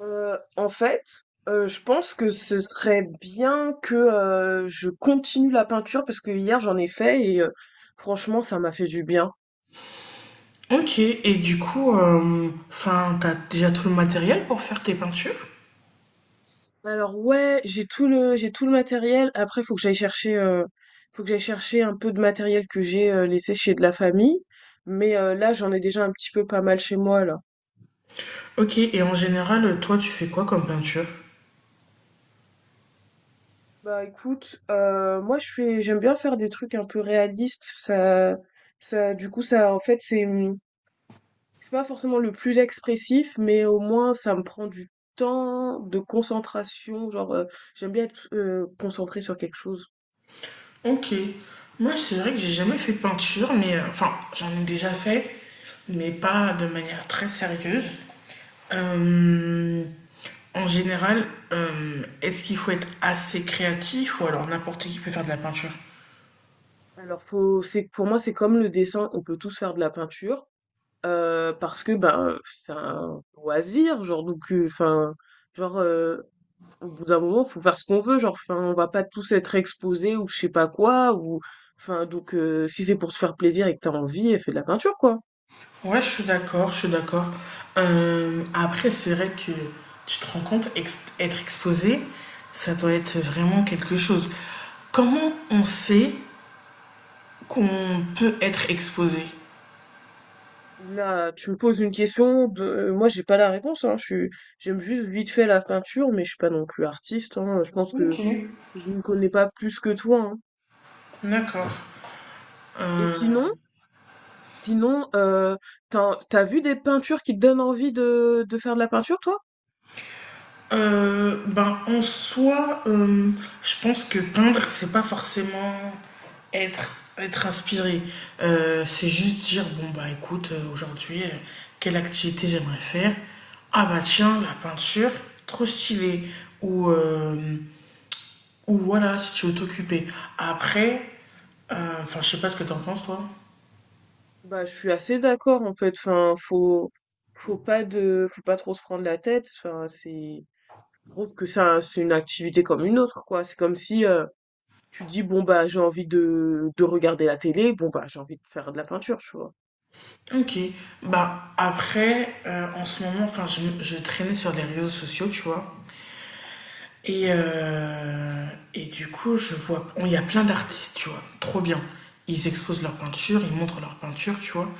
En fait, je pense que ce serait bien que, je continue la peinture parce que hier j'en ai fait et franchement ça m'a fait du bien. Ok, et du coup, t'as déjà tout le matériel pour faire tes peintures? Alors, ouais, j'ai tout le matériel. Après faut que j'aille chercher un peu de matériel que j'ai, laissé chez de la famille. Mais là j'en ai déjà un petit peu pas mal chez moi là. Ok, et en général, toi, tu fais quoi comme peinture? Bah écoute, moi je fais j'aime bien faire des trucs un peu réalistes. Ça, du coup, ça en fait c'est... C'est pas forcément le plus expressif, mais au moins ça me prend du temps de concentration. Genre, j'aime bien être concentrée sur quelque chose. Ok, moi, c'est vrai que j'ai jamais fait de peinture, mais j'en ai déjà fait, mais pas de manière très sérieuse. Euh, En général, est-ce qu'il faut être assez créatif ou alors n'importe qui peut faire de la peinture? Alors, pour moi, c'est comme le dessin, on peut tous faire de la peinture, parce que ben, c'est un loisir, genre, donc, enfin, genre, au bout d'un moment, faut faire ce qu'on veut, genre, enfin, on va pas tous être exposés ou je sais pas quoi, ou, enfin, donc, si c'est pour se faire plaisir et que t'as envie, fais de la peinture, quoi. Ouais, je suis d'accord, je suis d'accord. Après, c'est vrai que tu te rends compte, être exposé, ça doit être vraiment quelque chose. Comment on sait qu'on peut être exposé? Oula, tu me poses une question de... Moi, j'ai pas la réponse, hein. Je suis... J'aime juste vite fait la peinture, mais je suis pas non plus artiste, hein. Je pense Ok. que je ne connais pas plus que toi, hein. D'accord. Et sinon, Euh, sinon, t'as vu des peintures qui te donnent envie de faire de la peinture, toi? Ben, en soi, je pense que peindre, c'est pas forcément être, être inspiré. C'est juste dire, bon, bah écoute, aujourd'hui, quelle activité j'aimerais faire? Ah, bah tiens, la peinture, trop stylé. Ou, voilà, si tu veux t'occuper. Après, je sais pas ce que t'en penses, toi. Bah, je suis assez d'accord, en fait. Enfin, faut pas trop se prendre la tête. Enfin, je trouve que ça, c'est une activité comme une autre, quoi. C'est comme si, tu dis, bon, bah, j'ai envie de regarder la télé, bon, bah, j'ai envie de faire de la peinture, tu vois. Ok, bah après, en ce moment, enfin, je traînais sur les réseaux sociaux, tu vois. Et, euh, et du coup, je vois, il y a plein d'artistes, tu vois, trop bien. Ils exposent leur peinture, ils montrent leur peinture, tu vois.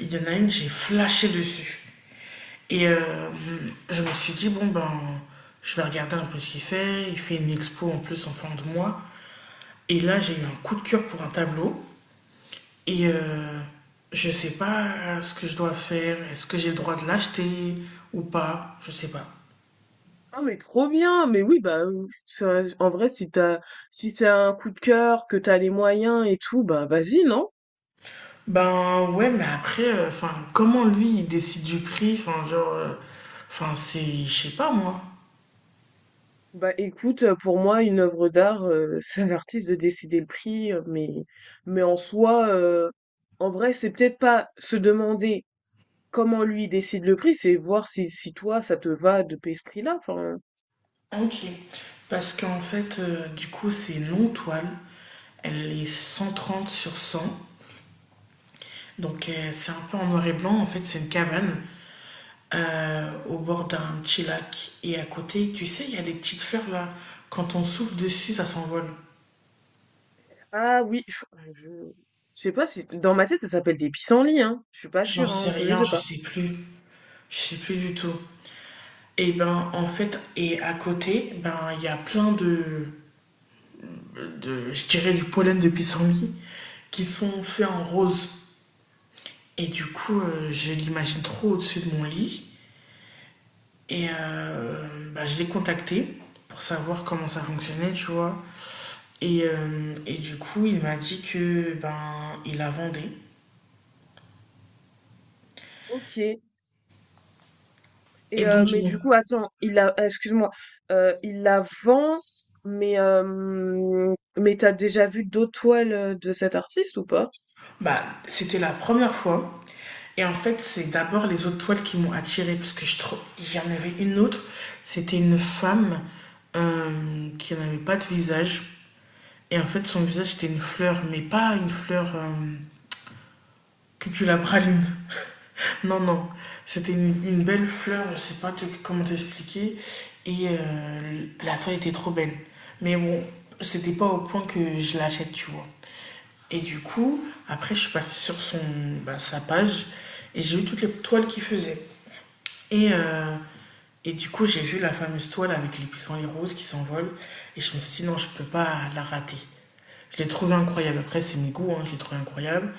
Il y en a une, j'ai flashé dessus. Et euh, je me suis dit, bon, ben, je vais regarder un peu ce qu'il fait. Il fait une expo en plus en fin de mois. Et là, j'ai eu un coup de cœur pour un tableau. Et euh, je sais pas ce que je dois faire. Est-ce que j'ai le droit de l'acheter ou pas? Je sais pas. Ah mais trop bien, mais oui, bah en vrai, si c'est un coup de cœur, que t'as les moyens et tout, bah vas-y, non? Ben ouais, mais après, comment lui il décide du prix, enfin c'est, je sais pas moi. Bah écoute, pour moi une œuvre d'art, c'est à l'artiste de décider le prix, mais en soi, en vrai c'est peut-être pas se demander comment lui décide le prix, c'est voir si toi ça te va de payer ce prix-là. Enfin, Ok. Parce qu'en fait, du coup, c'est non toile. Elle est 130 sur 100. Donc c'est un peu en noir et blanc. En fait, c'est une cabane au bord d'un petit lac. Et à côté, tu sais, il y a des petites fleurs là. Quand on souffle dessus, ça s'envole. ah oui, je je sais pas si dans ma tête ça s'appelle des pissenlits, hein, je suis pas J'en sûre, hein, sais enfin, je rien, sais je pas. sais plus. Je sais plus du tout. Et ben en fait, et à côté, ben il y a plein de je dirais, du pollen de pissenlit qui sont faits en rose. Et du coup, je l'imagine trop au-dessus de mon lit. Et euh, Bah, je l'ai contacté pour savoir comment ça fonctionnait, tu vois. Et du coup, il m'a dit que ben il la vendait. Ok. Et Et donc, mais du coup, attends, il la excuse-moi, il la vend, mais t'as déjà vu d'autres toiles, de cet artiste ou pas? bah, c'était la première fois. Et en fait, c'est d'abord les autres toiles qui m'ont attirée parce que je trouve, il y en avait une autre. C'était une femme qui n'avait pas de visage. Et en fait, son visage c'était une fleur, mais pas une fleur cuculapraline. Non, non. C'était une belle fleur, je sais pas comment t'expliquer. La toile était trop belle. Mais bon, c'était pas au point que je l'achète, tu vois. Et du coup, après, je suis passée sur son, bah, sa page et j'ai vu toutes les toiles qu'il faisait. Et, euh, et du coup, j'ai vu la fameuse toile avec les pissenlits roses qui s'envolent. Et je me suis dit, non, je ne peux pas la rater. Je l'ai trouvé incroyable. Après, c'est mes goûts, hein, je l'ai trouvé incroyable.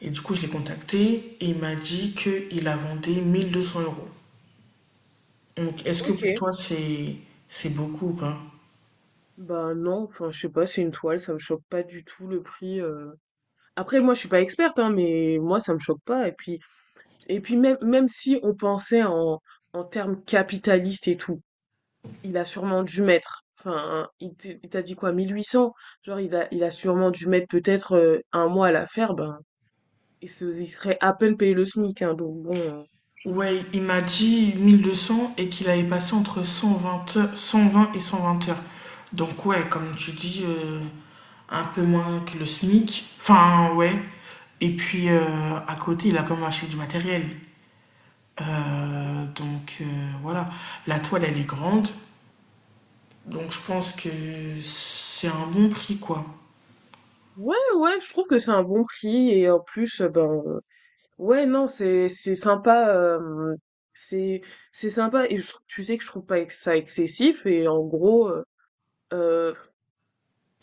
Et du coup, je l'ai contacté et il m'a dit qu'il la vendait 1200 euros. Donc, est-ce que pour OK. toi, c'est beaucoup ou pas? Bah, non, enfin, je sais pas, c'est une toile, ça me choque pas du tout le prix. Après moi, je suis pas experte, hein, mais moi, ça me choque pas, et puis même si on pensait en termes capitalistes et tout, il a sûrement dû mettre, enfin, il t'a dit quoi, mille huit cents. Genre, il a sûrement dû mettre peut-être un mois à la faire, ben, il serait à peine payé le SMIC, hein, donc bon. Ouais, il m'a dit 1200 et qu'il avait passé entre 120 et 120 heures. Donc ouais, comme tu dis, un peu moins que le SMIC. Enfin, ouais. Et puis, à côté, il a quand même acheté du matériel. Donc voilà, la toile, elle est grande. Donc je pense que c'est un bon prix, quoi. Ouais, ouais, je trouve que c'est un bon prix, et en plus, ben, ouais, non, c'est sympa, c'est, c'est sympa, et tu sais que je trouve pas ça excessif, et en gros, euh,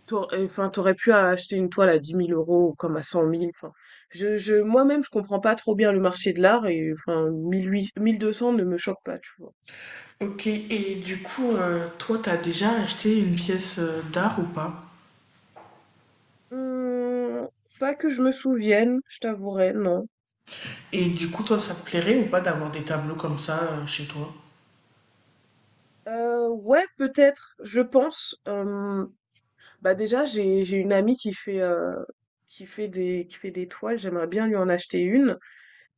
T'au enfin, t'aurais pu acheter une toile à 10 000 € comme à 100 000. Enfin, moi-même, je comprends pas trop bien le marché de l'art, et enfin, 1 200 ne me choque pas, tu vois. Ok, et du coup, toi, t'as déjà acheté une pièce d'art ou pas? Hum, Pas que je me souvienne, je t'avouerai, non. Et du coup, toi, ça te plairait ou pas d'avoir des tableaux comme ça chez toi? Ouais, peut-être, je pense. Bah déjà, j'ai une amie qui fait, qui fait des toiles. J'aimerais bien lui en acheter une.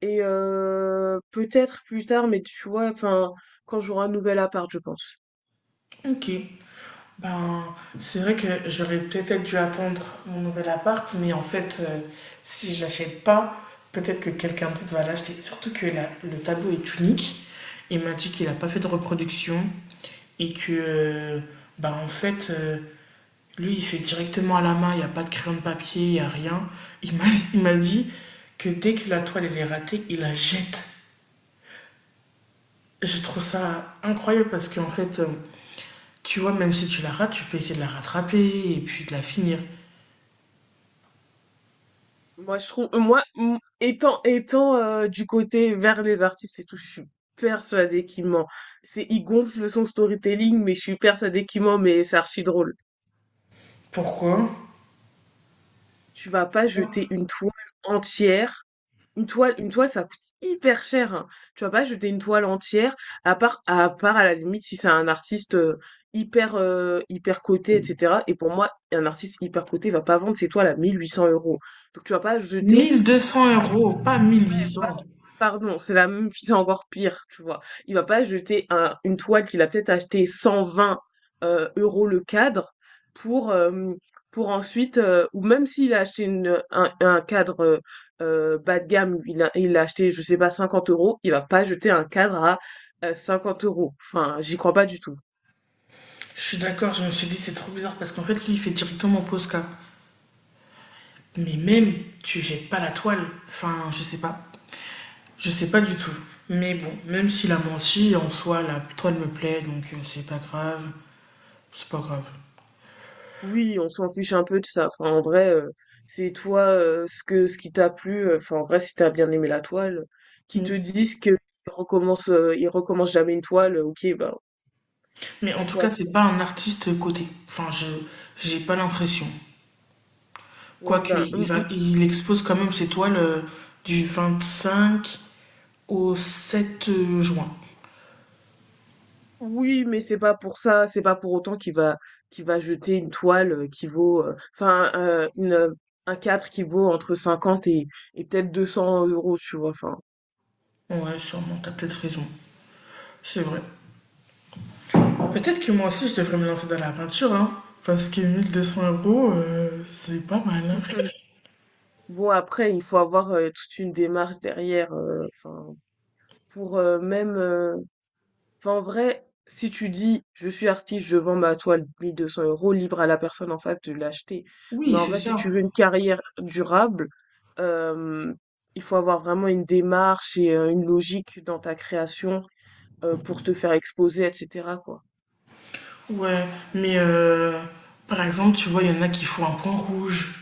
Et peut-être plus tard, mais tu vois, enfin, quand j'aurai un nouvel appart, je pense. Ok. Ben, c'est vrai que j'aurais peut-être dû attendre mon nouvel appart, mais en fait, si je l'achète pas, peut-être que quelqu'un d'autre va l'acheter. Surtout que le tableau est unique. Il m'a dit qu'il n'a pas fait de reproduction et que, ben, en fait, lui, il fait directement à la main, il n'y a pas de crayon de papier, il n'y a rien. Il m'a il m'a dit que dès que la toile elle est ratée, il la jette. Je trouve ça incroyable parce qu'en fait, tu vois, même si tu la rates, tu peux essayer de la rattraper et puis de la finir. Moi, je trouve, moi, étant du côté vers les artistes et tout, je suis persuadée qu'il ment. Il gonfle son storytelling, mais je suis persuadée qu'il ment, mais c'est archi drôle. Pourquoi? Tu vas pas jeter Ça, une toile entière. Une toile, ça coûte hyper cher, hein. Tu vas pas jeter une toile entière, à part à la limite si c'est un artiste hyper coté, etc. Et pour moi, un artiste hyper coté va pas vendre ses toiles à 1800 euros. Donc tu vas pas jeter... 1200 euros, pas Ouais, 1800. pardon, c'est la même c'est encore pire, tu vois? Il va pas jeter un une toile qu'il a peut-être achetée 120, euros le cadre pour, hem, pour ensuite, ou même s'il a acheté une un cadre, bas de gamme, il l'a acheté, je sais pas, 50 euros. Il va pas jeter un cadre à, 50 euros. Enfin, j'y crois pas du tout. Je suis d'accord, je me suis dit c'est trop bizarre parce qu'en fait, lui, il fait directement Posca. Mais même, tu jettes pas la toile. Enfin, je sais pas. Je sais pas du tout. Mais bon, même s'il a menti, en soi, la toile me plaît, donc c'est pas grave. C'est pas grave. Oui, on s'en fiche un peu de ça. Enfin, en vrai, c'est toi ce qui t'a plu. Enfin, en vrai, si t'as bien aimé la toile, qui te Mm. disent qu'ils recommencent, ils recommencent jamais une toile, ok, ben, Mais en tout cas, soit. c'est pas un artiste coté. Enfin, je j'ai pas l'impression. Ouais, Quoique, ben... il expose quand même ses toiles du 25 au 7 juin. Oui, mais c'est pas pour ça, c'est pas pour autant qu'il va jeter une toile qui vaut, enfin, un cadre qui vaut entre 50 et peut-être 200 euros, tu vois. Enfin, Ouais, sûrement, t'as peut-être raison. C'est vrai. Peut-être que moi aussi, je devrais me lancer dans la peinture, hein. Parce que 1200 euros, c'est pas mal, hein. bon, après, il faut avoir toute une démarche derrière, enfin, pour même. Enfin, en vrai, si tu dis je suis artiste, je vends ma toile 1 200 euros, libre à la personne en face de l'acheter. Oui, Mais en c'est vrai, si tu ça. veux une carrière durable, euh, il faut avoir vraiment une démarche et une logique dans ta création pour te faire exposer, etc., quoi. Ouais, mais par exemple, tu vois, il y en a qui font un point rouge.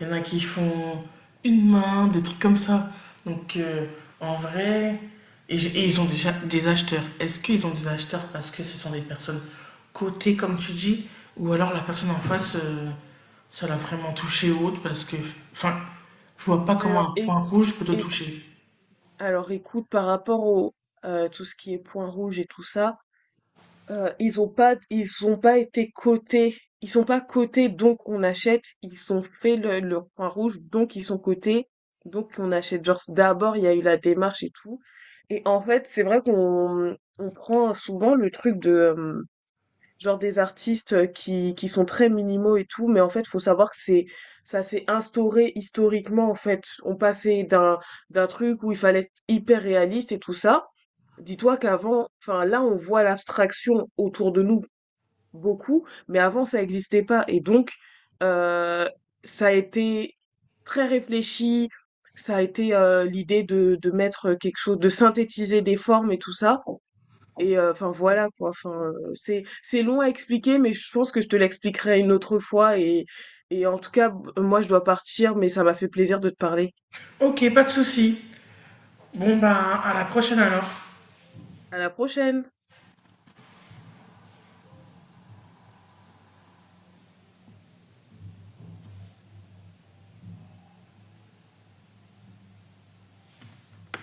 Il y en a qui font une main, des trucs comme ça. Donc, en vrai, et ils ont déjà des acheteurs. Est-ce qu'ils ont des acheteurs parce que ce sont des personnes cotées, comme tu dis, ou alors la personne en face, ça l'a vraiment touché ou autre parce que, enfin, je vois pas Alors, comment un éc- point rouge peut te éc- toucher. alors, écoute, par rapport au tout ce qui est point rouge et tout ça, ils ont pas été cotés. Ils sont pas cotés, donc on achète. Ils ont fait le leur point rouge, donc ils sont cotés, donc on achète. Genre d'abord, il y a eu la démarche et tout, et en fait, c'est vrai qu'on on prend souvent le truc de, genre des artistes qui sont très minimaux et tout, mais en fait, faut savoir que c'est ça s'est instauré historiquement, en fait. On passait d'un truc où il fallait être hyper réaliste et tout ça. Dis-toi qu'avant, enfin là, on voit l'abstraction autour de nous beaucoup, mais avant, ça n'existait pas. Et donc, euh, ça a été très réfléchi, ça a été l'idée de mettre quelque chose, de synthétiser des formes et tout ça. Et enfin voilà quoi. Enfin c'est long à expliquer, mais je pense que je te l'expliquerai une autre fois. Et, en tout cas, moi je dois partir, mais ça m'a fait plaisir de te parler. Ok, pas de souci. Bon, bah, à la prochaine alors. À la prochaine.